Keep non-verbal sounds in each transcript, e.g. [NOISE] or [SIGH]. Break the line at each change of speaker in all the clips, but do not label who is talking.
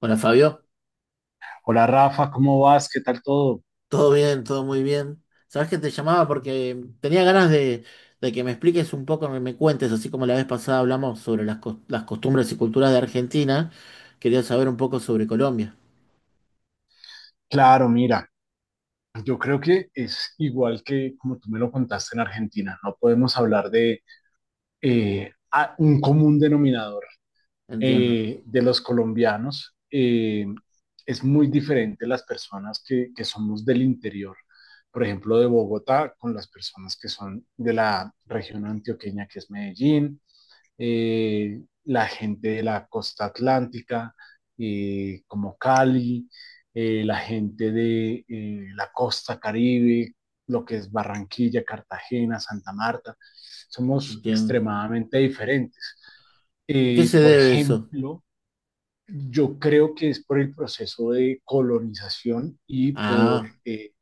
Hola Fabio,
Hola Rafa, ¿cómo vas? ¿Qué tal todo?
todo bien, todo muy bien. Sabes que te llamaba porque tenía ganas de que me expliques un poco, me cuentes, así como la vez pasada hablamos sobre las costumbres y culturas de Argentina, quería saber un poco sobre Colombia.
Claro, mira, yo creo que es igual que como tú me lo contaste en Argentina, no podemos hablar de un común denominador
Entiendo,
de los colombianos. Es muy diferente las personas que somos del interior, por ejemplo, de Bogotá, con las personas que son de la región antioqueña, que es Medellín, la gente de la costa atlántica, como Cali, la gente de la costa Caribe, lo que es Barranquilla, Cartagena, Santa Marta, somos
entiendo.
extremadamente diferentes.
¿A qué se
Por
debe eso?
ejemplo, yo creo que es por el proceso de colonización y por
Ah,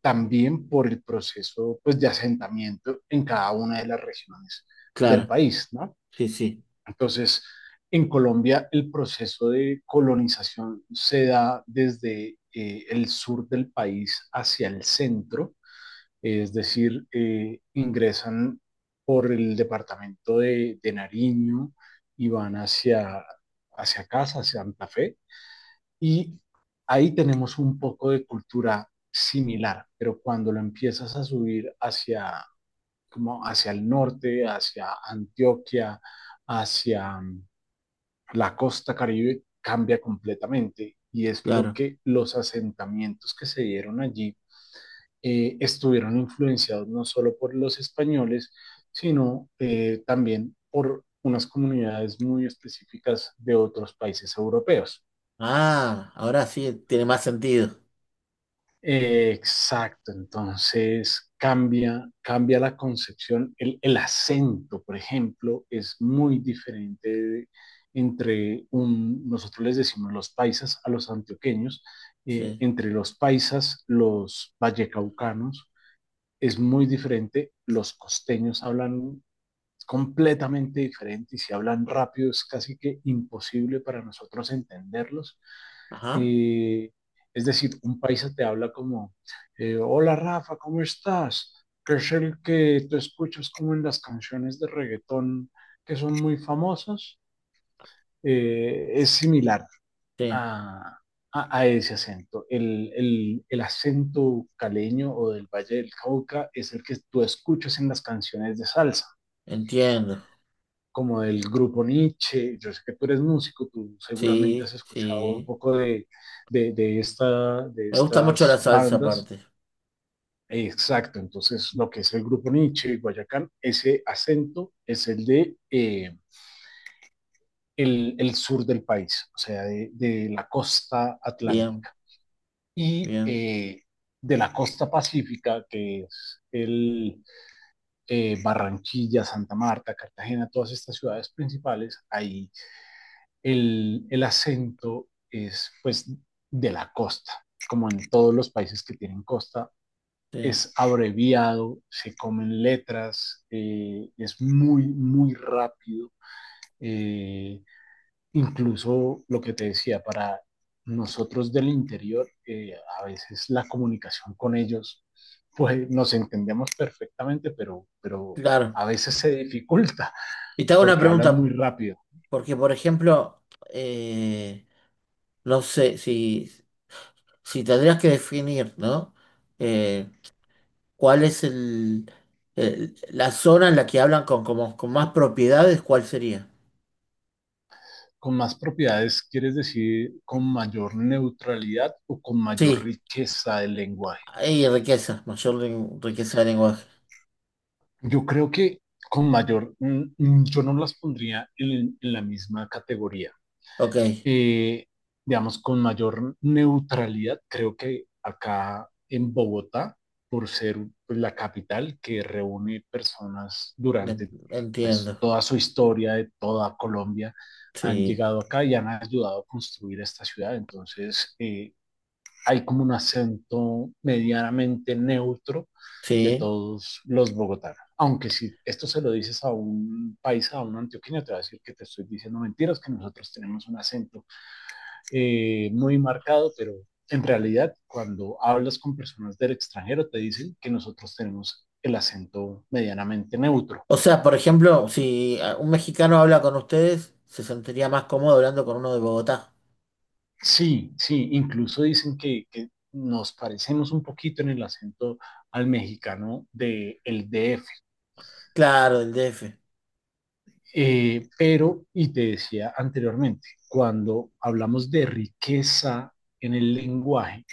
también por el proceso, pues, de asentamiento en cada una de las regiones del
claro,
país, ¿no?
sí, sí,
Entonces, en Colombia el proceso de colonización se da desde el sur del país hacia el centro, es decir, ingresan por el departamento de Nariño y van hacia, hacia casa, hacia Santa Fe, y ahí tenemos un poco de cultura similar, pero cuando lo empiezas a subir hacia, como hacia el norte, hacia Antioquia, hacia la costa Caribe cambia completamente, y es
claro.
porque los asentamientos que se dieron allí estuvieron influenciados no solo por los españoles, sino también por unas comunidades muy específicas de otros países europeos.
Ah, ahora sí tiene más sentido.
Exacto, entonces cambia, cambia la concepción. El acento, por ejemplo, es muy diferente entre nosotros les decimos los paisas a los antioqueños,
Sí,
entre los paisas, los vallecaucanos, es muy diferente. Los costeños hablan completamente diferente, y si hablan rápido es casi que imposible para nosotros entenderlos.
ajá,
Eh, es decir, un paisa te habla como, hola Rafa, ¿cómo estás? Que es el que tú escuchas como en las canciones de reggaetón que son muy famosas. Es similar
sí,
a, a ese acento. El acento caleño o del Valle del Cauca es el que tú escuchas en las canciones de salsa
entiendo.
como del grupo Nietzsche. Yo sé que tú eres músico, tú seguramente has
Sí,
escuchado un
sí.
poco de esta, de
Me gusta mucho la
estas
salsa
bandas.
aparte.
Exacto, entonces lo que es el grupo Nietzsche y Guayacán, ese acento es el de sur del país, o sea, de la costa
Bien,
atlántica. Y
bien,
eh, de la costa pacífica, que es el Barranquilla, Santa Marta, Cartagena, todas estas ciudades principales. Ahí el acento es, pues, de la costa, como en todos los países que tienen costa,
sí.
es abreviado, se comen letras, es muy, muy rápido. Eh, Incluso lo que te decía, para nosotros del interior, a veces la comunicación con ellos, pues nos entendemos perfectamente, pero
Claro.
a veces se dificulta
Y te hago una
porque hablan muy
pregunta,
rápido.
porque por ejemplo, eh, no sé, si tendrías que definir, ¿no? Eh, ¿Cuál es la zona en la que hablan con, como, con más propiedades? ¿Cuál sería?
Con más propiedades, ¿quieres decir con mayor neutralidad o con mayor
Sí,
riqueza del lenguaje?
hay riqueza, riqueza de lenguaje.
Yo creo que con mayor, yo no las pondría en la misma categoría.
Ok,
Eh, digamos, con mayor neutralidad, creo que acá en Bogotá, por ser, pues, la capital que reúne personas durante,
entiendo.
pues, toda su historia de toda Colombia, han
Sí,
llegado acá y han ayudado a construir esta ciudad. Entonces, hay como un acento medianamente neutro de
sí.
todos los bogotanos. Aunque si esto se lo dices a un país, a un antioqueño, te va a decir que te estoy diciendo mentiras, que nosotros tenemos un acento muy marcado, pero en realidad cuando hablas con personas del extranjero te dicen que nosotros tenemos el acento medianamente neutro.
O sea, por ejemplo, si un mexicano habla con ustedes, se sentiría más cómodo hablando con uno de Bogotá.
Sí, sí, incluso dicen que nos parecemos un poquito en el acento al mexicano del de DF.
Claro, del DF.
Pero, y te decía anteriormente, cuando hablamos de riqueza en el lenguaje,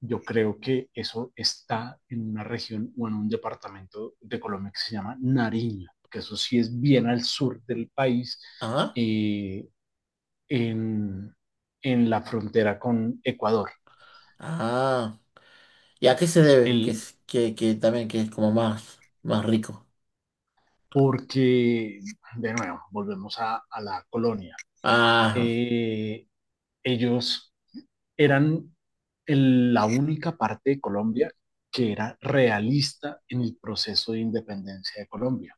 yo creo que eso está en una región o en un departamento de Colombia que se llama Nariño, que eso sí es bien al sur del país,
Ajá.
eh, en, en la frontera con Ecuador.
Ah, ah. ¿Y a qué se debe? Que,
El,
que también que es como más, más rico.
Porque, de nuevo, volvemos a la colonia.
Ah,
Eh, Ellos eran la única parte de Colombia que era realista en el proceso de independencia de Colombia.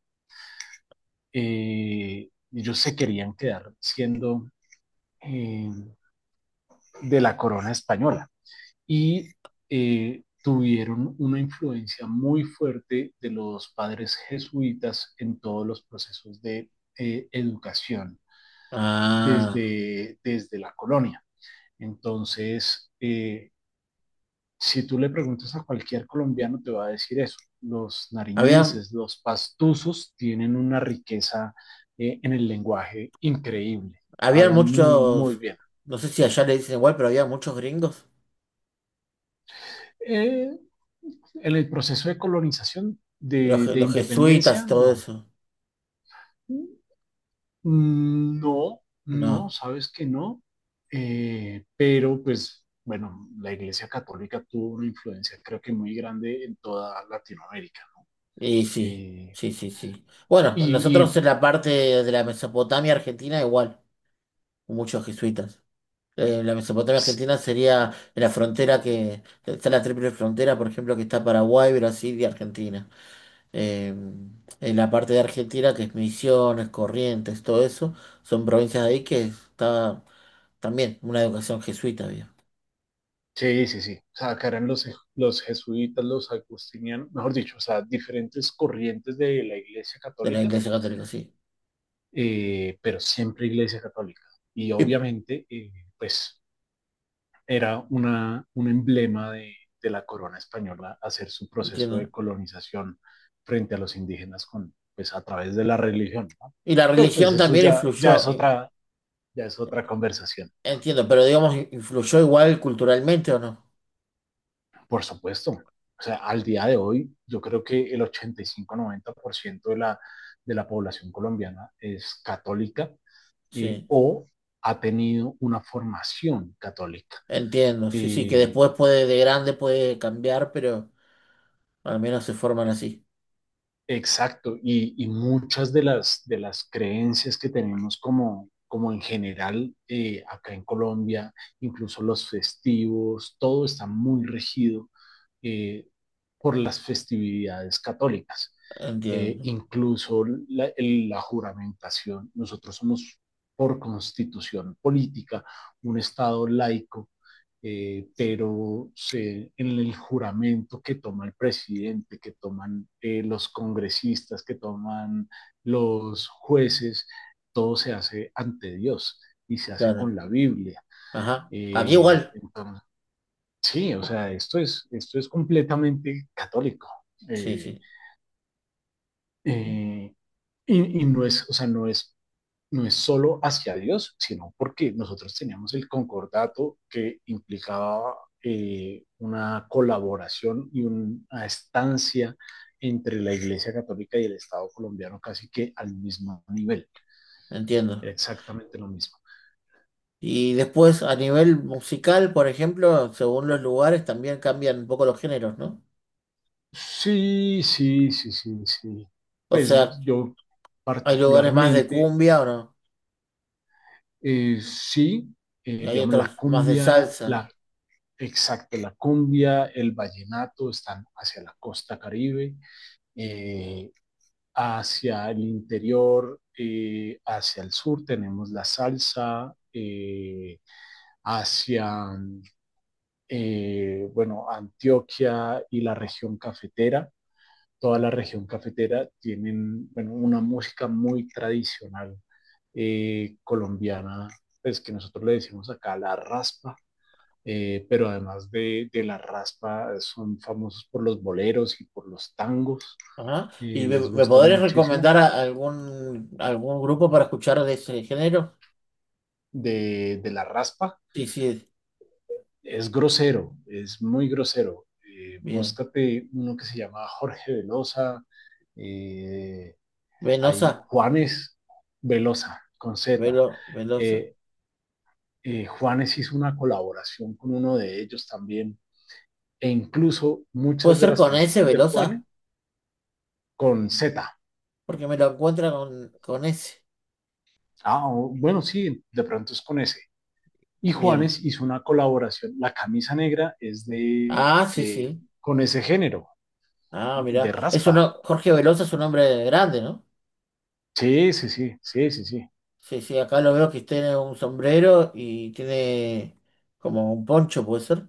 Ellos se querían quedar siendo eh, de la corona española, y tuvieron una influencia muy fuerte de los padres jesuitas en todos los procesos de educación
ah.
desde la colonia. Entonces, si tú le preguntas a cualquier colombiano, te va a decir eso. Los
Había,
nariñenses, los pastusos, tienen una riqueza en el lenguaje increíble.
había
Hablan muy, muy
muchos,
bien.
no sé si allá le dicen igual, pero había muchos gringos.
Eh, en el proceso de colonización,
Los,
de
los jesuitas y
independencia,
todo
no.
eso.
No, no,
No.
sabes que no. Pero, pues, bueno, la Iglesia Católica tuvo una influencia, creo que muy grande, en toda Latinoamérica, ¿no?
Y sí,
Eh,
sí, sí, sí.
y,
Bueno, nosotros en
y
la parte de la Mesopotamia argentina igual, muchos jesuitas. La Mesopotamia argentina sería en la frontera que está la triple frontera, por ejemplo, que está Paraguay, Brasil y Argentina. eh, en la parte de Argentina, que es Misiones, Corrientes, todo eso, son provincias de ahí que está también una educación jesuita había,
Sí, sí, sí. O sea, que eran los, los jesuitas, los agustinianos, mejor dicho, o sea, diferentes corrientes de la Iglesia
de la
Católica,
Iglesia Católica, sí.
pero siempre Iglesia Católica. Y
Y,
obviamente, pues, era una, un emblema de la corona española hacer su proceso
¿entiendes?
de colonización frente a los indígenas con, pues, a través de la religión, ¿no?
Y la
Pero pues
religión
eso
también
ya,
influyó,
ya es otra conversación.
entiendo, pero digamos, influyó igual culturalmente o no.
Por supuesto. O sea, al día de hoy, yo creo que el 85, 90% de la población colombiana es católica,
Sí,
o ha tenido una formación católica.
entiendo, sí, sí, que
Eh,
después puede, de grande puede cambiar, pero al menos se forman así.
Exacto, y muchas de las creencias que tenemos como, como en general, acá en Colombia, incluso los festivos, todo está muy regido eh, por las festividades católicas.
Entiendo,
Incluso la, la juramentación, nosotros somos por constitución política un Estado laico, pero se, en el juramento que toma el presidente, que toman los congresistas, que toman los jueces, todo se hace ante Dios y se hace
claro.
con la Biblia.
Ajá, aquí igual,
Entonces, sí, o sea, esto es completamente católico.
sí,
Eh,
sí,
eh, no es, o sea, no es, no es solo hacia Dios, sino porque nosotros teníamos el concordato que implicaba una colaboración y una estancia entre la Iglesia Católica y el Estado colombiano casi que al mismo nivel, era
entiendo.
exactamente lo mismo.
Y después a nivel musical, por ejemplo, según los lugares también cambian un poco los géneros, ¿no?
Sí, sí, sí, sí, sí.
O sea,
Pues yo
hay lugares más de
particularmente,
cumbia o no,
sí,
y hay
digamos, la
otros más de
cumbia,
salsa.
la, exacto, la cumbia, el vallenato están hacia la costa caribe. Eh, Hacia el interior, hacia el sur tenemos la salsa, hacia, bueno, Antioquia y la región cafetera. Toda la región cafetera tienen, bueno, una música muy tradicional colombiana, pues que nosotros le decimos acá la raspa. Pero además de la raspa, son famosos por los boleros y por los tangos,
Ajá. ¿Y
les
me
gustan
podrías
muchísimo.
recomendar algún, algún grupo para escuchar de ese género?
De la raspa
Sí, sí,
es grosero, es muy grosero.
bien.
Búscate uno que se llama Jorge Velosa, eh,
Venosa,
hay Juanes Velosa con Z.
Velosa.
Eh, Juanes hizo una colaboración con uno de ellos también, e incluso
¿Puede
muchas de
ser
las
con ese,
canciones de Juanes
Velosa?
con Z.
Porque me lo encuentra con ese.
Ah, bueno, sí, de pronto es con ese. Y
Bien.
Juanes hizo una colaboración, la camisa negra es
Ah, sí,
de
sí.
con ese género,
Ah,
de
mirá. Es
raspa.
uno, Jorge Velosa es un hombre grande, ¿no?
Sí, sí, sí, sí, sí, sí.
Sí, sí, acá lo veo que tiene un sombrero y tiene como un poncho, puede ser.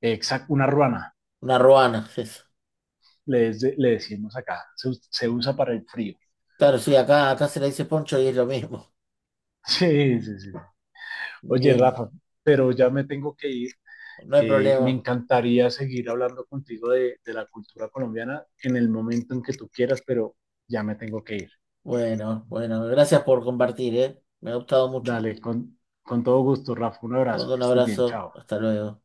Exacto, una ruana,
Una ruana, es eso.
le, le decimos acá, se, se usa para el frío. [LAUGHS]
Claro, sí, acá, acá se le dice poncho y es lo mismo.
Sí, sí, sí.
[LAUGHS]
Oye,
Bien,
Rafa, pero ya me tengo que ir.
no hay
Me
problema.
encantaría seguir hablando contigo de la cultura colombiana en el momento en que tú quieras, pero ya me tengo que ir.
Bueno, bueno, gracias por compartir, ¿eh? Me ha gustado mucho.
Dale, con todo gusto, Rafa, un
Te
abrazo,
mando un
que estés bien,
abrazo.
chao.
Hasta luego.